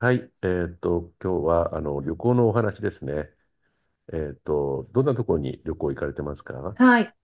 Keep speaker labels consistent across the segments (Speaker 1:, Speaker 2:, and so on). Speaker 1: はい、今日は旅行のお話ですね。どんなところに旅行行かれてますか？
Speaker 2: はい。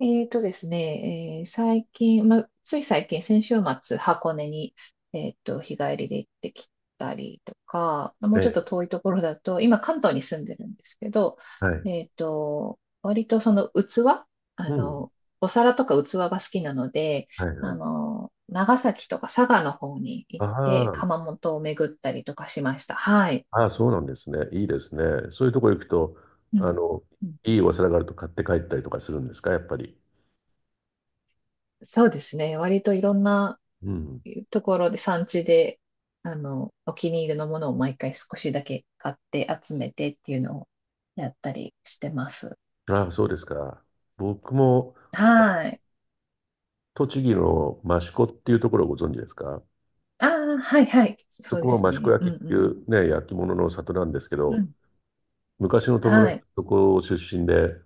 Speaker 2: えーとですね、最近、ま、つい最近、先週末、箱根に、日帰りで行ってきたりとか、も
Speaker 1: え
Speaker 2: うちょっと
Speaker 1: え、
Speaker 2: 遠いところだと、今、関東に住んでるんですけど、
Speaker 1: はい。
Speaker 2: 割とその器、あ
Speaker 1: うん。
Speaker 2: の、お皿とか器が好きなので、
Speaker 1: はいはい。
Speaker 2: 長崎とか佐賀の方に行って、
Speaker 1: ああ、
Speaker 2: 窯元を巡ったりとかしました。はい。
Speaker 1: ああ、そうなんですね。いいですね。そういうところ行くと、
Speaker 2: う
Speaker 1: あ
Speaker 2: ん
Speaker 1: の、
Speaker 2: う
Speaker 1: い
Speaker 2: ん、
Speaker 1: いお皿があると買って帰ったりとかするんですか、やっぱり。
Speaker 2: そうですね。割といろんな
Speaker 1: うん。
Speaker 2: ところで産地で、お気に入りのものを毎回少しだけ買って集めてっていうのをやったりしてます。
Speaker 1: ああ、そうですか。僕も
Speaker 2: はい。
Speaker 1: 栃木の益子っていうところをご存知ですか？
Speaker 2: ああ、はいはい。
Speaker 1: そ
Speaker 2: そうで
Speaker 1: こも
Speaker 2: す
Speaker 1: 益子
Speaker 2: ね。う
Speaker 1: 焼ってい
Speaker 2: ん
Speaker 1: うね、焼き物の里なんですけ
Speaker 2: うん。う
Speaker 1: ど、
Speaker 2: ん。
Speaker 1: 昔の友
Speaker 2: は
Speaker 1: 達
Speaker 2: い。
Speaker 1: のとこ出身で、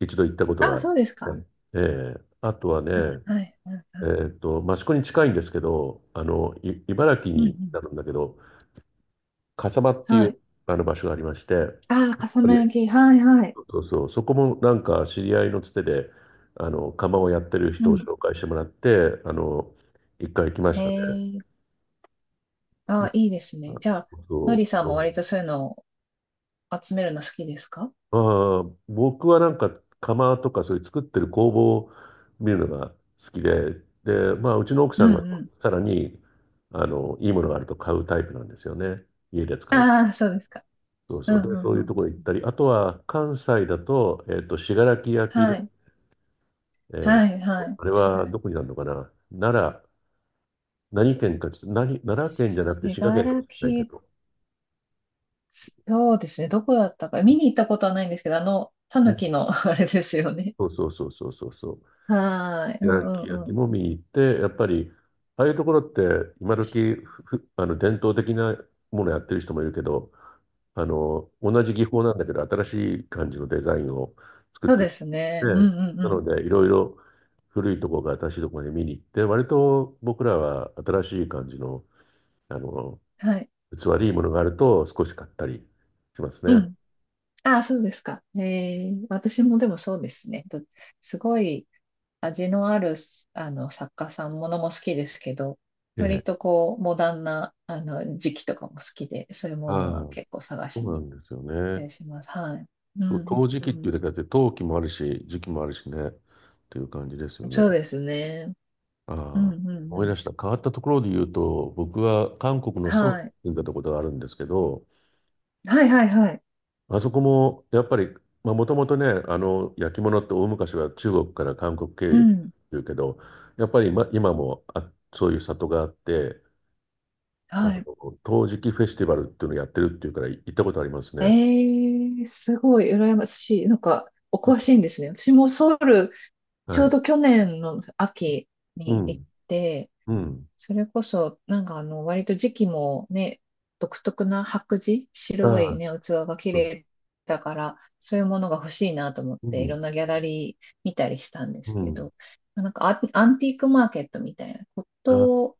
Speaker 1: 一度行ったこと
Speaker 2: あ
Speaker 1: が
Speaker 2: あ、
Speaker 1: あり
Speaker 2: そ
Speaker 1: ま
Speaker 2: うです
Speaker 1: す
Speaker 2: か。
Speaker 1: ね。ええ、あとは
Speaker 2: あ、
Speaker 1: ね、
Speaker 2: はい。うんうん。
Speaker 1: 益子に近いんですけど、あの、い茨城
Speaker 2: うんう
Speaker 1: に
Speaker 2: ん、
Speaker 1: なるんだけど、笠間っていう
Speaker 2: はい。
Speaker 1: あの場所がありまして、やっ
Speaker 2: ああ、笠
Speaker 1: ぱ
Speaker 2: 間
Speaker 1: り、
Speaker 2: 焼き。はいはい。
Speaker 1: そうそう、そこもなんか知り合いのつてで、あの、窯をやってる
Speaker 2: う
Speaker 1: 人を
Speaker 2: ん。
Speaker 1: 紹介してもらって、あの、一回行きま
Speaker 2: へ
Speaker 1: したね。
Speaker 2: え。ああ、
Speaker 1: も
Speaker 2: いいです
Speaker 1: う、あ、
Speaker 2: ね。じゃあ、
Speaker 1: そう
Speaker 2: のりさん
Speaker 1: そ
Speaker 2: も
Speaker 1: う。
Speaker 2: 割とそういうのを集めるの好きですか？
Speaker 1: ああ、僕はなんか釜とかそういう作ってる工房を見るのが好きで、で、まあうちの奥
Speaker 2: う
Speaker 1: さ
Speaker 2: んう
Speaker 1: んが
Speaker 2: ん。
Speaker 1: さらにあのいいものがあると買うタイプなんですよね。家で使い。
Speaker 2: ああ、そうですか。
Speaker 1: そう
Speaker 2: う
Speaker 1: そ
Speaker 2: ん
Speaker 1: う。で、
Speaker 2: う
Speaker 1: そ
Speaker 2: ん
Speaker 1: うい
Speaker 2: う
Speaker 1: うとこ
Speaker 2: ん。
Speaker 1: ろ行ったり、あとは関西だと、信楽焼
Speaker 2: は
Speaker 1: で、
Speaker 2: い。
Speaker 1: えー
Speaker 2: はいはい。
Speaker 1: あれ
Speaker 2: 信
Speaker 1: は
Speaker 2: 楽、
Speaker 1: どこになるのかな。奈良、何県かちょっと、何、奈良県じゃなくて
Speaker 2: 信
Speaker 1: 滋賀県とか
Speaker 2: 楽、
Speaker 1: じゃないけど、
Speaker 2: そうですね。どこだったか。見に行ったことはないんですけど、タ
Speaker 1: う
Speaker 2: ヌ
Speaker 1: ん、
Speaker 2: キの あれですよね。
Speaker 1: そうそうそうそうそうそう。
Speaker 2: はーい。う
Speaker 1: 焼
Speaker 2: ん
Speaker 1: き
Speaker 2: うん
Speaker 1: 焼き
Speaker 2: うん。
Speaker 1: も見に行って、やっぱり、ああいうところって今時あの伝統的なものやってる人もいるけど、あの、同じ技法なんだけど、新しい感じのデザインを作っ
Speaker 2: そう
Speaker 1: て
Speaker 2: で
Speaker 1: る
Speaker 2: すね。うん
Speaker 1: ので、
Speaker 2: うんう
Speaker 1: な
Speaker 2: ん。
Speaker 1: ので、いろいろ古いところから新しいところに見に行って、割と僕らは新しい感じの、あの、
Speaker 2: はい。
Speaker 1: 器でいいものがあると少し買ったりします
Speaker 2: う
Speaker 1: ね。
Speaker 2: ん。ああ、そうですか。私もでもそうですね。と、すごい味のある、作家さんものも好きですけど、
Speaker 1: え
Speaker 2: 割
Speaker 1: え。
Speaker 2: とこう、モダンな、時期とかも好きで、そういうも
Speaker 1: あ
Speaker 2: の
Speaker 1: あ、
Speaker 2: は
Speaker 1: そ
Speaker 2: 結構探
Speaker 1: う
Speaker 2: し
Speaker 1: な
Speaker 2: に
Speaker 1: んですよ
Speaker 2: 行った
Speaker 1: ね。
Speaker 2: りします。はい。うん
Speaker 1: そう、陶磁
Speaker 2: うん
Speaker 1: 器っ
Speaker 2: う
Speaker 1: てい
Speaker 2: ん。
Speaker 1: うだけあって、陶器もあるし、磁器もあるしね、っていう感じですよね。
Speaker 2: そうですね。
Speaker 1: あ
Speaker 2: うん
Speaker 1: あ、
Speaker 2: うんう
Speaker 1: 思い
Speaker 2: ん。
Speaker 1: 出した。変わったところで言うと、僕は韓国のソウ
Speaker 2: は
Speaker 1: ルに
Speaker 2: い。
Speaker 1: 住んでたことがあるんですけど、
Speaker 2: はいはいはい。
Speaker 1: あそこもやっぱり、まあ、もともとね、あの焼き物って大昔は中国から韓国経由
Speaker 2: う
Speaker 1: でって
Speaker 2: ん。
Speaker 1: うけど、やっぱり今、今もあ、そういう里があって、あの
Speaker 2: はい。
Speaker 1: 陶磁器フェスティバルっていうのをやってるっていうから行ったことあります
Speaker 2: え
Speaker 1: ね。
Speaker 2: すごい羨ましい。なんか、お詳しいんですね。私もソウル、ち
Speaker 1: は
Speaker 2: ょう
Speaker 1: い。
Speaker 2: ど去年の秋
Speaker 1: う
Speaker 2: に行っ
Speaker 1: ん。
Speaker 2: て、
Speaker 1: うん。
Speaker 2: それこそ、なんか割と時期もね、独特な白磁、
Speaker 1: あ
Speaker 2: 白い
Speaker 1: あ、
Speaker 2: ね、器が綺
Speaker 1: そうそ
Speaker 2: 麗だから、そういうものが欲しいなと思っ
Speaker 1: う。う
Speaker 2: て、い
Speaker 1: ん。
Speaker 2: ろんなギャラリー見たりしたんです
Speaker 1: う
Speaker 2: け
Speaker 1: ん。
Speaker 2: ど、なんかアンティークマーケットみたいなこ
Speaker 1: ああ、
Speaker 2: と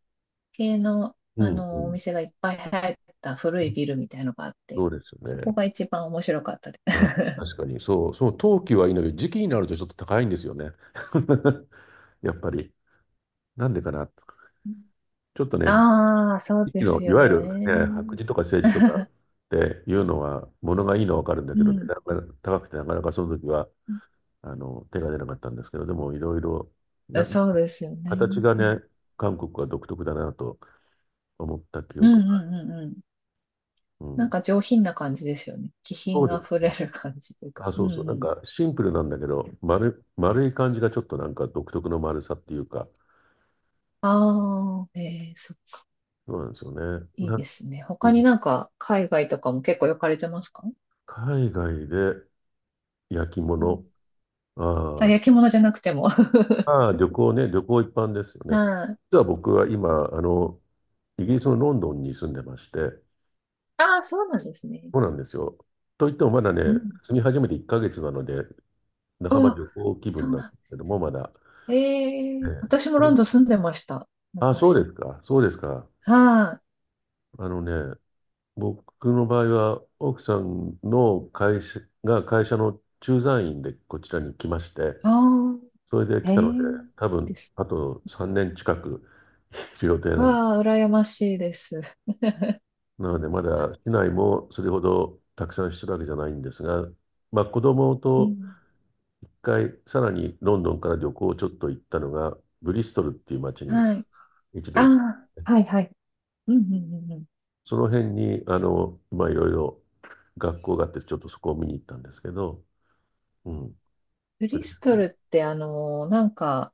Speaker 2: 系の、
Speaker 1: うん、う
Speaker 2: お
Speaker 1: ん。
Speaker 2: 店がいっぱい入った古いビルみたいのがあって、
Speaker 1: そうですよ
Speaker 2: そ
Speaker 1: ね。
Speaker 2: こが一番面白かったで
Speaker 1: あ、
Speaker 2: す。
Speaker 1: 確かに、そう、そう、冬季はいいのよ。時期になるとちょっと高いんですよね。やっぱり。なんでかな。ちょっとね、
Speaker 2: ああ、そう
Speaker 1: 時期
Speaker 2: で
Speaker 1: の、
Speaker 2: す
Speaker 1: い
Speaker 2: よ
Speaker 1: わゆる
Speaker 2: ね。
Speaker 1: ね、白磁とか青磁とかっ ていうのは、物がいいのはわかるんだ
Speaker 2: う
Speaker 1: けどね、
Speaker 2: ん。
Speaker 1: なかなか高くてなかなかその時は、あの、手が出なかったんですけど、でもいろいろ、な、
Speaker 2: そうですよ
Speaker 1: 形
Speaker 2: ね。
Speaker 1: がね、韓国は独特だなと思った記
Speaker 2: うんう
Speaker 1: 憶が。
Speaker 2: んうんうんうん。
Speaker 1: う
Speaker 2: なん
Speaker 1: ん。
Speaker 2: か上品な感じですよね。気
Speaker 1: そう
Speaker 2: 品
Speaker 1: で
Speaker 2: あふ
Speaker 1: す
Speaker 2: れ
Speaker 1: ね。
Speaker 2: る感じというか。
Speaker 1: あ、
Speaker 2: う
Speaker 1: そ
Speaker 2: ん
Speaker 1: うそう。
Speaker 2: う
Speaker 1: なん
Speaker 2: ん。
Speaker 1: かシンプルなんだけど、丸、丸い感じがちょっとなんか独特の丸さっていうか、
Speaker 2: ああ、
Speaker 1: そうなんですよね。
Speaker 2: いい
Speaker 1: な、
Speaker 2: ですね。
Speaker 1: う
Speaker 2: 他に
Speaker 1: ん、
Speaker 2: なんか海外とかも結構行かれてますか？
Speaker 1: 海外で焼き
Speaker 2: う
Speaker 1: 物。
Speaker 2: ん。
Speaker 1: あ
Speaker 2: あ、
Speaker 1: ー、
Speaker 2: 焼き物じゃなくても。は
Speaker 1: まあー、旅行ね、旅行一般ですよ
Speaker 2: い。
Speaker 1: ね。
Speaker 2: あ
Speaker 1: 実は僕は今、あの、イギリスのロンドンに住んでまして、
Speaker 2: あ、そうなんですね。
Speaker 1: そうなんですよ。といってもまだね、
Speaker 2: うん。
Speaker 1: 住み始めて1ヶ月なので、半ば
Speaker 2: あ、
Speaker 1: 旅行気
Speaker 2: そ
Speaker 1: 分
Speaker 2: う
Speaker 1: なんで
Speaker 2: なん。
Speaker 1: すけども、まだ。
Speaker 2: ええ、
Speaker 1: え
Speaker 2: 私もロンドン
Speaker 1: え、
Speaker 2: 住んでました。
Speaker 1: あ、そうで
Speaker 2: 昔。
Speaker 1: すか、そうですか。
Speaker 2: はい。あ
Speaker 1: あのね、僕の場合は、奥さんの会社が会社の駐在員でこちらに来まして、
Speaker 2: あ、
Speaker 1: それで来
Speaker 2: え
Speaker 1: たので、
Speaker 2: え
Speaker 1: 多分
Speaker 2: です。
Speaker 1: あと3年近く来る予定なん
Speaker 2: わあ、羨ましいです。
Speaker 1: なので、まだ市内もそれほどたくさんしてるわけじゃないんですが、まあ、子供
Speaker 2: う
Speaker 1: と
Speaker 2: ん。
Speaker 1: 一回、さらにロンドンから旅行をちょっと行ったのが、ブリストルっていう町に
Speaker 2: はい。
Speaker 1: 一度行きまし
Speaker 2: あ
Speaker 1: たね。
Speaker 2: あ、はいはい。うんうんうんうん。
Speaker 1: その辺に、あの、まあ、いろいろ学校があって、ちょっとそこを見に行ったんですけど、うん。
Speaker 2: ブ
Speaker 1: ブ
Speaker 2: リ
Speaker 1: リ
Speaker 2: ス
Speaker 1: スト
Speaker 2: ト
Speaker 1: ル、
Speaker 2: ルって、なんか、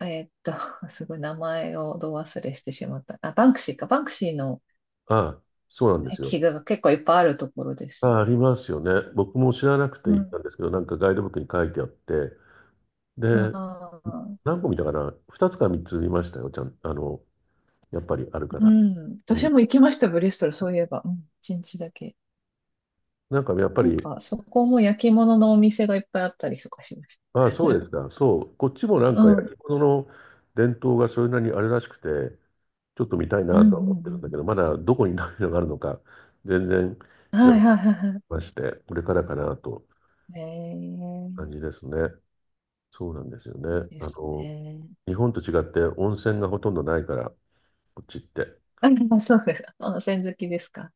Speaker 2: えーっと、すごい名前をど忘れしてしまった。あ、バンクシーか。バンクシーの
Speaker 1: あ、そうなんですよ。
Speaker 2: 壁画が結構いっぱいあるところですよ。
Speaker 1: あ、ありますよね。僕も知らなくて
Speaker 2: う
Speaker 1: 行っ
Speaker 2: ん。
Speaker 1: たんですけど、なんかガイドブックに書いてあって、で、
Speaker 2: ああ、
Speaker 1: 何個見たかな？ 2 つか3つ見ましたよ、ちゃん、あの、やっぱりあるか
Speaker 2: う
Speaker 1: ら。
Speaker 2: ん。
Speaker 1: う
Speaker 2: 私
Speaker 1: ん。
Speaker 2: も行きました、ブリストル、そういえば。うん、一日だけ。
Speaker 1: なんかやっぱ
Speaker 2: なん
Speaker 1: り、
Speaker 2: か、そこも焼き物のお店がいっぱいあったりとかしまし
Speaker 1: ああ、そうですか。そう。こっちもなん
Speaker 2: た。う
Speaker 1: か
Speaker 2: ん。
Speaker 1: 焼き物の伝統がそれなりにあるらしくて、ちょっと見たい
Speaker 2: うん
Speaker 1: なとは思っ
Speaker 2: う
Speaker 1: てるんだ
Speaker 2: ん
Speaker 1: けど、まだどこに何のがあるのか、全然
Speaker 2: うん。
Speaker 1: 知ら
Speaker 2: は
Speaker 1: な
Speaker 2: い
Speaker 1: く
Speaker 2: は
Speaker 1: て
Speaker 2: いはいは
Speaker 1: まして、これからかなと
Speaker 2: い。え
Speaker 1: 感
Speaker 2: え、
Speaker 1: じですね。そうなんですよね。
Speaker 2: いいで
Speaker 1: あ
Speaker 2: す
Speaker 1: の、
Speaker 2: ね。
Speaker 1: 日本と違って温泉がほとんどないから、こっちって。
Speaker 2: あ、そうです。温泉好きですか？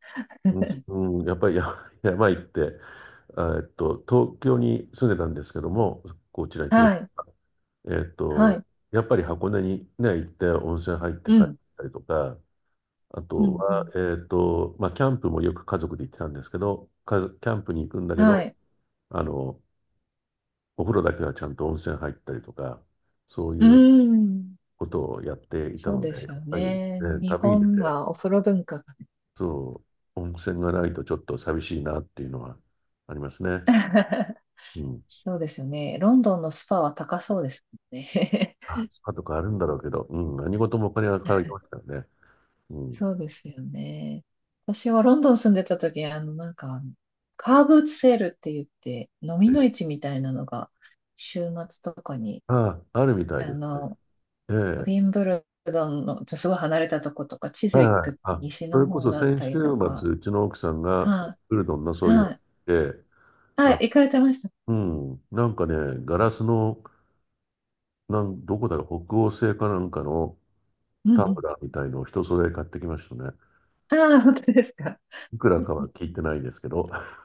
Speaker 1: うん、うんやっぱりや、 山行って、あ、東京に住んでたんですけども、こちらに来る。
Speaker 2: はい。
Speaker 1: えっ
Speaker 2: は
Speaker 1: と、
Speaker 2: い。
Speaker 1: やっぱり箱根にね、行って温泉入って
Speaker 2: う
Speaker 1: 帰っ
Speaker 2: ん。
Speaker 1: たりとか、あ
Speaker 2: う
Speaker 1: と
Speaker 2: んう
Speaker 1: は、
Speaker 2: ん。
Speaker 1: まあ、キャンプもよく家族で行ってたんですけど、か、キャンプに行くんだけ
Speaker 2: は
Speaker 1: ど、
Speaker 2: い。
Speaker 1: あの、お風呂だけはちゃんと温泉入ったりとか、そうい
Speaker 2: う
Speaker 1: う
Speaker 2: ん。
Speaker 1: ことをやっていた
Speaker 2: そう
Speaker 1: ので、
Speaker 2: で
Speaker 1: やっ
Speaker 2: すよ
Speaker 1: ぱりね、
Speaker 2: ね。日
Speaker 1: 旅に出て、
Speaker 2: 本はお風呂文化がね。
Speaker 1: そう、温泉がないとちょっと寂しいなっていうのはありますね。うん。
Speaker 2: そうですよね。ロンドンのスパは高そうですもんね。
Speaker 1: あ、スパとかあるんだろうけど、うん、何事もお金がかかりま すからね。うん。
Speaker 2: そうですよね。私はロンドン住んでた時、なんか、カーブーツセールって言って、飲みの市みたいなのが、週末とかに、
Speaker 1: ああ、あるみたい
Speaker 2: あ
Speaker 1: ですね。
Speaker 2: の、
Speaker 1: え
Speaker 2: ウィン
Speaker 1: え。
Speaker 2: ブルドンの、すごい離れたとことか、チズ
Speaker 1: はい
Speaker 2: ウィッ
Speaker 1: はい。
Speaker 2: ク
Speaker 1: あ、
Speaker 2: 西
Speaker 1: そ
Speaker 2: の
Speaker 1: れこ
Speaker 2: 方
Speaker 1: そ
Speaker 2: だっ
Speaker 1: 先
Speaker 2: た
Speaker 1: 週末、
Speaker 2: りとか、
Speaker 1: うちの奥さんが
Speaker 2: は
Speaker 1: ウルドンの
Speaker 2: い、
Speaker 1: そういうの
Speaker 2: は
Speaker 1: 行
Speaker 2: い、
Speaker 1: って、
Speaker 2: は
Speaker 1: あ、
Speaker 2: い、行かれてました。
Speaker 1: うん、なんかね、ガラスの、なん、どこだろう、北欧製かなんかの
Speaker 2: うん
Speaker 1: タ
Speaker 2: う
Speaker 1: ンブ
Speaker 2: ん。
Speaker 1: ラーみたいのを一揃え買ってきましたね。
Speaker 2: ああ、本当ですか。
Speaker 1: いくらかは聞いてないですけど、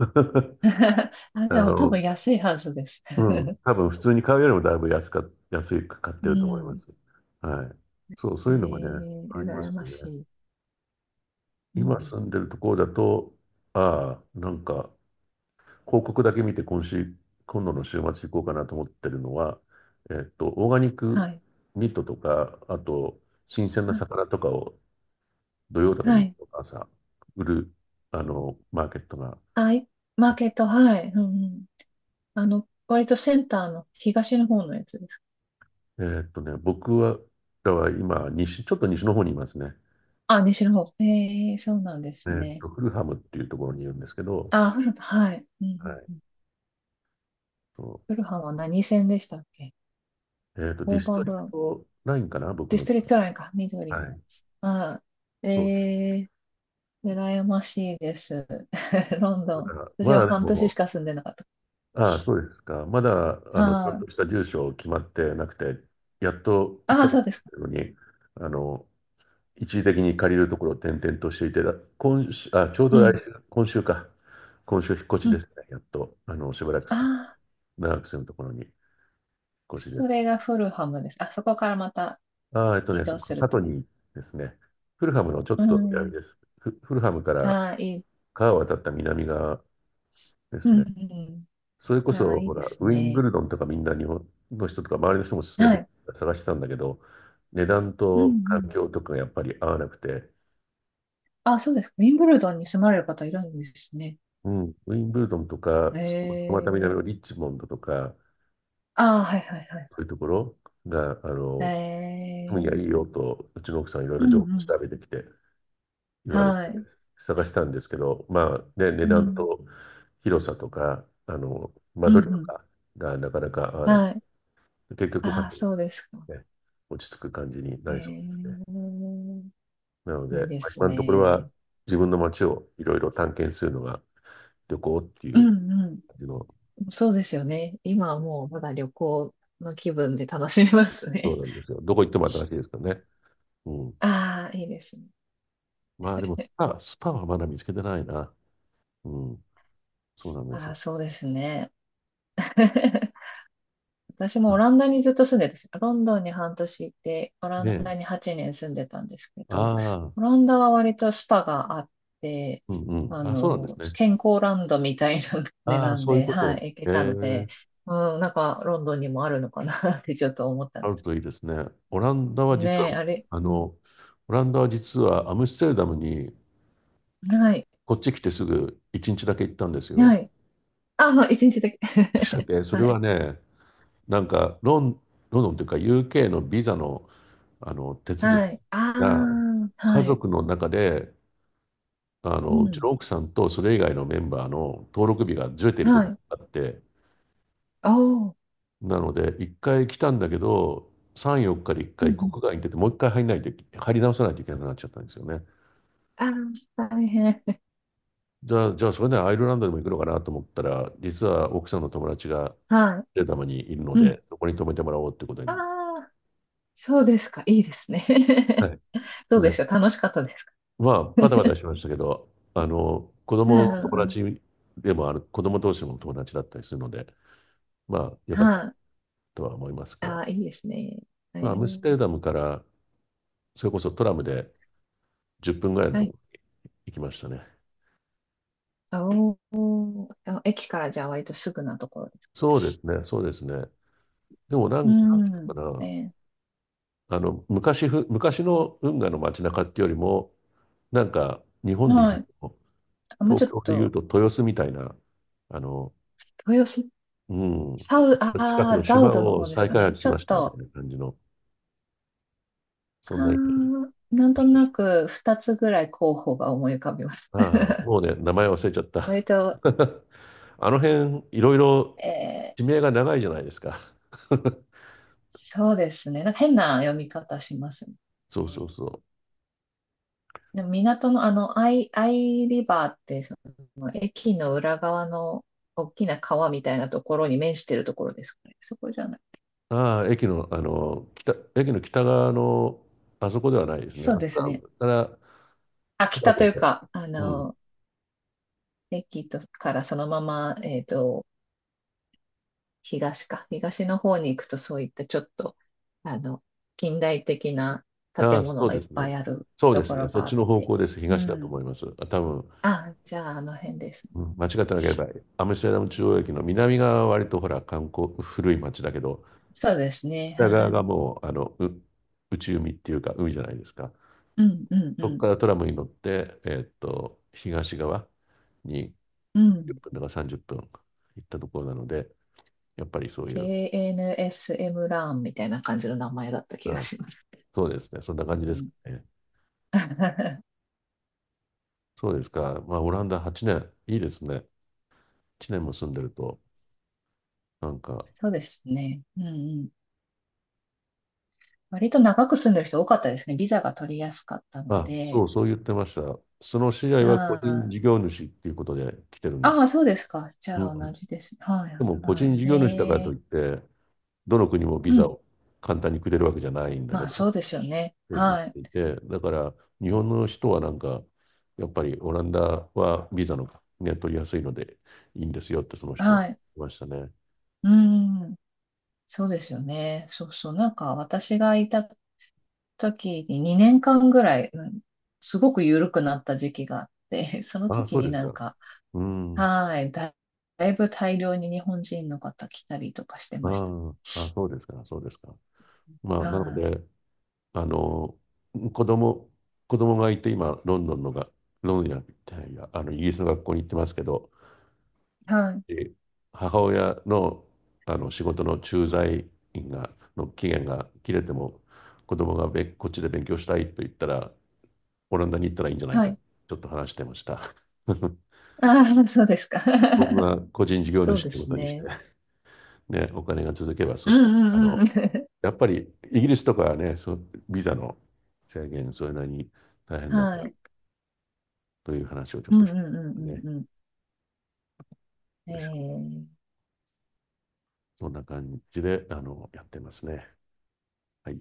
Speaker 2: あ、
Speaker 1: あ
Speaker 2: でも多分
Speaker 1: の、
Speaker 2: 安いはずです。
Speaker 1: うん、多分普通に買うよりもだいぶ安か、安く買っ
Speaker 2: う
Speaker 1: てると思いま
Speaker 2: ん。
Speaker 1: す。はい。そう、そういうのがね、ありま
Speaker 2: 羨
Speaker 1: す
Speaker 2: ま
Speaker 1: よ
Speaker 2: し
Speaker 1: ね。
Speaker 2: い。う
Speaker 1: 今
Speaker 2: ん。
Speaker 1: 住んでるところだと、ああ、なんか、広告だけ見て今週、今度の週末行こうかなと思ってるのは、オーガニッ
Speaker 2: は
Speaker 1: ク
Speaker 2: い、
Speaker 1: ミートとか、あと、新鮮な
Speaker 2: はい、
Speaker 1: 魚とかを土曜とか
Speaker 2: は
Speaker 1: 日
Speaker 2: い。
Speaker 1: 曜の朝、売る、あの、マーケットが、
Speaker 2: あ、い、マーケット、はい。うんうん。割とセンターの東の方のやつです。
Speaker 1: 僕は、だは今、西、ちょっと西の方にいますね。
Speaker 2: あ、西の方。ええ、そうなんですね。
Speaker 1: フルハムっていうと
Speaker 2: う
Speaker 1: ころに
Speaker 2: ん、
Speaker 1: いるんですけど、
Speaker 2: あ、はい。うんう
Speaker 1: は
Speaker 2: ん
Speaker 1: い。
Speaker 2: うん、
Speaker 1: そ
Speaker 2: フルハンは何線でしたっけ？
Speaker 1: う。ディ
Speaker 2: オー
Speaker 1: ス
Speaker 2: バ
Speaker 1: ト
Speaker 2: ー
Speaker 1: リ
Speaker 2: グラ
Speaker 1: ク
Speaker 2: ウンド。
Speaker 1: トラインかな、僕
Speaker 2: ディス
Speaker 1: の。
Speaker 2: トリクトラインか。緑
Speaker 1: は
Speaker 2: のや
Speaker 1: い。
Speaker 2: つ。あ、え
Speaker 1: そうです。
Speaker 2: え、羨ましいです。ロン
Speaker 1: ま
Speaker 2: ドン。
Speaker 1: だ、
Speaker 2: 私
Speaker 1: ま
Speaker 2: は
Speaker 1: だで
Speaker 2: 半年し
Speaker 1: も、
Speaker 2: か住んでなかった。
Speaker 1: ああ、そうですか。まだ、あの、ちゃん
Speaker 2: は
Speaker 1: と
Speaker 2: い。
Speaker 1: した住所決まってなくて、やっと1
Speaker 2: ああ、
Speaker 1: ヶ
Speaker 2: そ
Speaker 1: 月
Speaker 2: うですか。
Speaker 1: のに、あの、一時的に借りるところを転々としていて、今週、あ、ちょう
Speaker 2: う
Speaker 1: ど来
Speaker 2: ん。
Speaker 1: 週、今週か。今週引っ越
Speaker 2: う
Speaker 1: しで
Speaker 2: ん。
Speaker 1: すね。やっと、あの、しばらく
Speaker 2: あ
Speaker 1: す、
Speaker 2: あ、
Speaker 1: 長く住むところに引っ越しで
Speaker 2: そ
Speaker 1: す。
Speaker 2: れがフルハムです。あ、そこからまた
Speaker 1: ああ、えっと
Speaker 2: 移
Speaker 1: ね、そ
Speaker 2: 動
Speaker 1: っ
Speaker 2: す
Speaker 1: か
Speaker 2: るっ
Speaker 1: 過
Speaker 2: て
Speaker 1: 去
Speaker 2: こと？
Speaker 1: にですね、フルハムのちょっ
Speaker 2: う
Speaker 1: と南
Speaker 2: ん。
Speaker 1: です。フ、フルハムから
Speaker 2: ああ、いい。
Speaker 1: 川を渡った南側で
Speaker 2: う
Speaker 1: す
Speaker 2: んう
Speaker 1: ね。
Speaker 2: ん、
Speaker 1: それこ
Speaker 2: じゃあ、
Speaker 1: そ、
Speaker 2: いい
Speaker 1: ほ
Speaker 2: で
Speaker 1: ら、
Speaker 2: す
Speaker 1: ウィンブ
Speaker 2: ね。
Speaker 1: ルドンとかみんな日本の人とか周りの人も勧
Speaker 2: は
Speaker 1: めて
Speaker 2: い。
Speaker 1: 探してたんだけど、値段
Speaker 2: うんう
Speaker 1: と環
Speaker 2: ん、
Speaker 1: 境とかがやっぱり合わなくて、
Speaker 2: あ、そうですか。ウィンブルドンに住まれる方いるんですね。
Speaker 1: うん、ウィンブルドンとか、
Speaker 2: え
Speaker 1: そこまた南
Speaker 2: え、
Speaker 1: のリッチモンドとか、
Speaker 2: ああ、はいはいはい。
Speaker 1: そういうところが、
Speaker 2: え
Speaker 1: 今夜いい
Speaker 2: え、
Speaker 1: よと、うちの奥さんいろい
Speaker 2: うん
Speaker 1: ろ
Speaker 2: う
Speaker 1: 情報
Speaker 2: ん、
Speaker 1: 調べてきて、言われて
Speaker 2: はい。
Speaker 1: 探したんですけど、まあね、値
Speaker 2: う
Speaker 1: 段
Speaker 2: ん
Speaker 1: と広さとか、間
Speaker 2: うん
Speaker 1: 取りと
Speaker 2: うん、
Speaker 1: かがなかなか合わなくて、
Speaker 2: はい。
Speaker 1: 結局パ
Speaker 2: あ
Speaker 1: ッ
Speaker 2: あ、
Speaker 1: と、
Speaker 2: そうですか。
Speaker 1: ね、落ち着く感じになりそうです
Speaker 2: え
Speaker 1: ね。
Speaker 2: え、
Speaker 1: なので、
Speaker 2: いいで
Speaker 1: まあ
Speaker 2: す
Speaker 1: 今のところは
Speaker 2: ね。
Speaker 1: 自分の街をいろいろ探検するのが旅行ってい
Speaker 2: う
Speaker 1: う
Speaker 2: んう
Speaker 1: 感じの、
Speaker 2: ん、そうですよね。今はもうまだ旅行の気分で楽しめます
Speaker 1: そう
Speaker 2: ね。
Speaker 1: なんですよ。どこ行っても新しいですからね。うん。
Speaker 2: ああ、いいですね。
Speaker 1: まあでもスパはまだ見つけてないな。うん。そうなんです
Speaker 2: あ
Speaker 1: よ。
Speaker 2: あ、そうですね。私も
Speaker 1: あ、
Speaker 2: オランダにずっと住んでたし、ロンドンに半年いて、オラ
Speaker 1: ね
Speaker 2: ン
Speaker 1: え。
Speaker 2: ダに8年住んでたんですけ
Speaker 1: あ
Speaker 2: ど、オ
Speaker 1: あ、
Speaker 2: ランダは割とスパがあって、
Speaker 1: うんうん。あ、そうなんですね。
Speaker 2: 健康ランドみたいな 値
Speaker 1: ああ、
Speaker 2: 段
Speaker 1: そういう
Speaker 2: で、
Speaker 1: こ
Speaker 2: は
Speaker 1: と。
Speaker 2: い、行け
Speaker 1: え
Speaker 2: たので、
Speaker 1: え、
Speaker 2: うん、なんかロンドンにもあるのかな ってちょっと思った
Speaker 1: あ
Speaker 2: んで
Speaker 1: る
Speaker 2: す。
Speaker 1: といいですね。オランダは実
Speaker 2: ねえ、
Speaker 1: は、
Speaker 2: あれ、
Speaker 1: あ
Speaker 2: う
Speaker 1: の、
Speaker 2: ん、
Speaker 1: オランダは実はアムステルダムに
Speaker 2: はい、
Speaker 1: こっち来てすぐ1日だけ行ったんですよ。
Speaker 2: はい。あ、そう一日だけ。
Speaker 1: で、それ
Speaker 2: はい、
Speaker 1: はね、なんかロンドンというか UK のビザの、あの手続き
Speaker 2: はい。あ
Speaker 1: が
Speaker 2: あ、
Speaker 1: 家
Speaker 2: はい、
Speaker 1: 族の中で、
Speaker 2: う
Speaker 1: うち
Speaker 2: ん、
Speaker 1: の奥さんとそれ以外のメンバーの登録日がずれているこ
Speaker 2: は
Speaker 1: とが
Speaker 2: い。
Speaker 1: あって、
Speaker 2: おー、
Speaker 1: なので1回来たんだけど、3、4日で1
Speaker 2: うん、う
Speaker 1: 回国
Speaker 2: ん。
Speaker 1: 外に出て、もう1回入り直さないといけなくなっちゃったんですよね。
Speaker 2: ああ、大変。
Speaker 1: じゃあそれでアイルランドにも行くのかなと思ったら、実は奥さんの友達が
Speaker 2: は
Speaker 1: データムにいるの
Speaker 2: い。うん、
Speaker 1: で、そこに泊めてもらおうってことに
Speaker 2: あ
Speaker 1: なる。
Speaker 2: あ、そうですか。いいですね。
Speaker 1: は い。
Speaker 2: どうで
Speaker 1: ね、
Speaker 2: しょう。楽しかったですか？
Speaker 1: まあ、バタバタしましたけど、子
Speaker 2: うんう
Speaker 1: 供の
Speaker 2: ん
Speaker 1: 友
Speaker 2: うん。
Speaker 1: 達でもある、子供同士の友達だったりするので、まあ、よかった
Speaker 2: はい。
Speaker 1: とは思いますが、
Speaker 2: ああ、いいですね。え
Speaker 1: まあ、アムス
Speaker 2: ー、
Speaker 1: テルダムから、それこそトラムで10分ぐらいの
Speaker 2: は
Speaker 1: とこ
Speaker 2: い。
Speaker 1: ろに行きましたね。
Speaker 2: あお、あ、駅からじゃあ割とすぐなところです。
Speaker 1: そうですね、そうですね。でも
Speaker 2: う
Speaker 1: なんていう
Speaker 2: ん。
Speaker 1: のか
Speaker 2: え
Speaker 1: な、昔の運河の街中っていうよりも、なんか、日本で言
Speaker 2: は
Speaker 1: う
Speaker 2: い。
Speaker 1: と、
Speaker 2: あ、もうち
Speaker 1: 東
Speaker 2: ょっ
Speaker 1: 京で言う
Speaker 2: と、
Speaker 1: と豊洲みたいな、あの、
Speaker 2: 豊洲、
Speaker 1: う
Speaker 2: あ
Speaker 1: ん、近くの
Speaker 2: あ、ザウ
Speaker 1: 島
Speaker 2: ドの
Speaker 1: を
Speaker 2: 方です
Speaker 1: 再
Speaker 2: か
Speaker 1: 開
Speaker 2: ね？
Speaker 1: 発し
Speaker 2: ちょ
Speaker 1: ま
Speaker 2: っ
Speaker 1: したみたい
Speaker 2: と、
Speaker 1: な感じの、そ
Speaker 2: あ
Speaker 1: んな
Speaker 2: あ、
Speaker 1: イメージに。
Speaker 2: なんとなく2つぐらい候補が思い浮かびます。
Speaker 1: ああ、もうね、名前忘れちゃった。
Speaker 2: 割と、
Speaker 1: あの辺、いろいろ
Speaker 2: えー、
Speaker 1: 地名が長いじゃないですか。
Speaker 2: そうですね。なんか変な読み方しますね。
Speaker 1: そうそうそ
Speaker 2: でも港のアイリバーって、その駅の裏側の大きな川みたいなところに面してるところですかね？そこじゃない？
Speaker 1: う。ああ、駅の北側の、あそこではないですね。
Speaker 2: そう
Speaker 1: あそ
Speaker 2: ですね。
Speaker 1: こから、
Speaker 2: あ、
Speaker 1: トラ
Speaker 2: 北
Speaker 1: ブ
Speaker 2: とい
Speaker 1: ル
Speaker 2: う
Speaker 1: で。
Speaker 2: か、
Speaker 1: うん。
Speaker 2: 駅とからそのまま、東か。東の方に行くとそういったちょっと、あの、近代的な
Speaker 1: あ
Speaker 2: 建
Speaker 1: あ、
Speaker 2: 物
Speaker 1: そう
Speaker 2: がい
Speaker 1: で
Speaker 2: っ
Speaker 1: す
Speaker 2: ぱ
Speaker 1: ね。
Speaker 2: いある
Speaker 1: そうで
Speaker 2: と
Speaker 1: す
Speaker 2: こ
Speaker 1: ね。
Speaker 2: ろ
Speaker 1: そっ
Speaker 2: があ
Speaker 1: ち
Speaker 2: っ
Speaker 1: の方
Speaker 2: て。
Speaker 1: 向です。
Speaker 2: う
Speaker 1: 東だと
Speaker 2: ん。
Speaker 1: 思います。あ、多分、
Speaker 2: あ、じゃああの辺ですね。
Speaker 1: うん、間違ってなければ、アムステルダム中央駅の南側は割とほら、観光、古い町だけど、
Speaker 2: そうですね。
Speaker 1: 北
Speaker 2: は
Speaker 1: 側が
Speaker 2: い。
Speaker 1: もう、内海っていうか、海じゃないですか。
Speaker 2: うん、うん、う
Speaker 1: そこ
Speaker 2: ん。
Speaker 1: からトラムに乗って、東側に
Speaker 2: う
Speaker 1: 1
Speaker 2: ん。
Speaker 1: 分だか30分行ったところなので、やっぱりそういう、
Speaker 2: KNSM ラーンみたいな感じの名前だった気が
Speaker 1: あ、
Speaker 2: します。
Speaker 1: そうですね。そんな感じで
Speaker 2: う
Speaker 1: すか
Speaker 2: ん、
Speaker 1: ね。そうですか。まあ、オランダ8年、いいですね。1年も住んでると、なんか、
Speaker 2: そうですね。うんうん。割と長く住んでる人多かったですね。ビザが取りやすかったの
Speaker 1: あ、そ
Speaker 2: で。
Speaker 1: う、そう言ってました。その知り合いは個人
Speaker 2: ああ
Speaker 1: 事業主っていうことで来てるんです
Speaker 2: あ
Speaker 1: け
Speaker 2: あ、そう
Speaker 1: ど。
Speaker 2: ですか。じゃあ
Speaker 1: う
Speaker 2: 同
Speaker 1: ん。
Speaker 2: じです。はい。
Speaker 1: でも個
Speaker 2: は
Speaker 1: 人事
Speaker 2: い。
Speaker 1: 業主だからと
Speaker 2: ね
Speaker 1: いって、どの国もビ
Speaker 2: え。う
Speaker 1: ザ
Speaker 2: ん。
Speaker 1: を簡単にくれるわけじゃないんだけ
Speaker 2: まあ、そう
Speaker 1: ど、
Speaker 2: ですよね。
Speaker 1: って言っ
Speaker 2: はい。
Speaker 1: ていて、だから日本の人はなんか、やっぱりオランダはビザの、ね、取りやすいのでいいんですよってその人は
Speaker 2: は
Speaker 1: 言っ
Speaker 2: い。
Speaker 1: てましたね。
Speaker 2: うん。そうですよね。そうそう。なんか私がいた時に2年間ぐらい、うん、すごく緩くなった時期があって、その
Speaker 1: ああ、そ
Speaker 2: 時
Speaker 1: う
Speaker 2: に
Speaker 1: です
Speaker 2: なん
Speaker 1: か。
Speaker 2: か、
Speaker 1: うん。
Speaker 2: はい。だいぶ大量に日本人の方来たりとかして
Speaker 1: あ
Speaker 2: ました。
Speaker 1: あ、ああ、そうですか、そうですか。まあ、なの
Speaker 2: は
Speaker 1: で、あの、子供、子供がいて今、ロンドンのが、ロンドンじゃないや、イギリスの学校に行ってますけど、
Speaker 2: い。はい。
Speaker 1: で母親の、あの仕事の駐在員の期限が切れても、子供がこっちで勉強したいと言ったら、オランダに行ったらいいんじゃない
Speaker 2: は
Speaker 1: か、
Speaker 2: い。
Speaker 1: ちょっと話してました。
Speaker 2: ああ、そうですか。
Speaker 1: 僕 が個人事業
Speaker 2: そう
Speaker 1: 主っ
Speaker 2: で
Speaker 1: てこ
Speaker 2: す
Speaker 1: とにして、
Speaker 2: ね。
Speaker 1: ね、お金が続けば
Speaker 2: う
Speaker 1: そ、
Speaker 2: ん
Speaker 1: あ
Speaker 2: うんう
Speaker 1: の、
Speaker 2: ん。
Speaker 1: やっぱりイギリスとかはね、そう、ビザの制限、それなりに大 変だか
Speaker 2: は
Speaker 1: ら、
Speaker 2: い。
Speaker 1: という話をちょっ
Speaker 2: うん
Speaker 1: と
Speaker 2: うん
Speaker 1: し
Speaker 2: う
Speaker 1: てね。
Speaker 2: ん
Speaker 1: よ
Speaker 2: うんう
Speaker 1: いしょ、
Speaker 2: ん。ええ
Speaker 1: そんな感じで、やってますね。はい。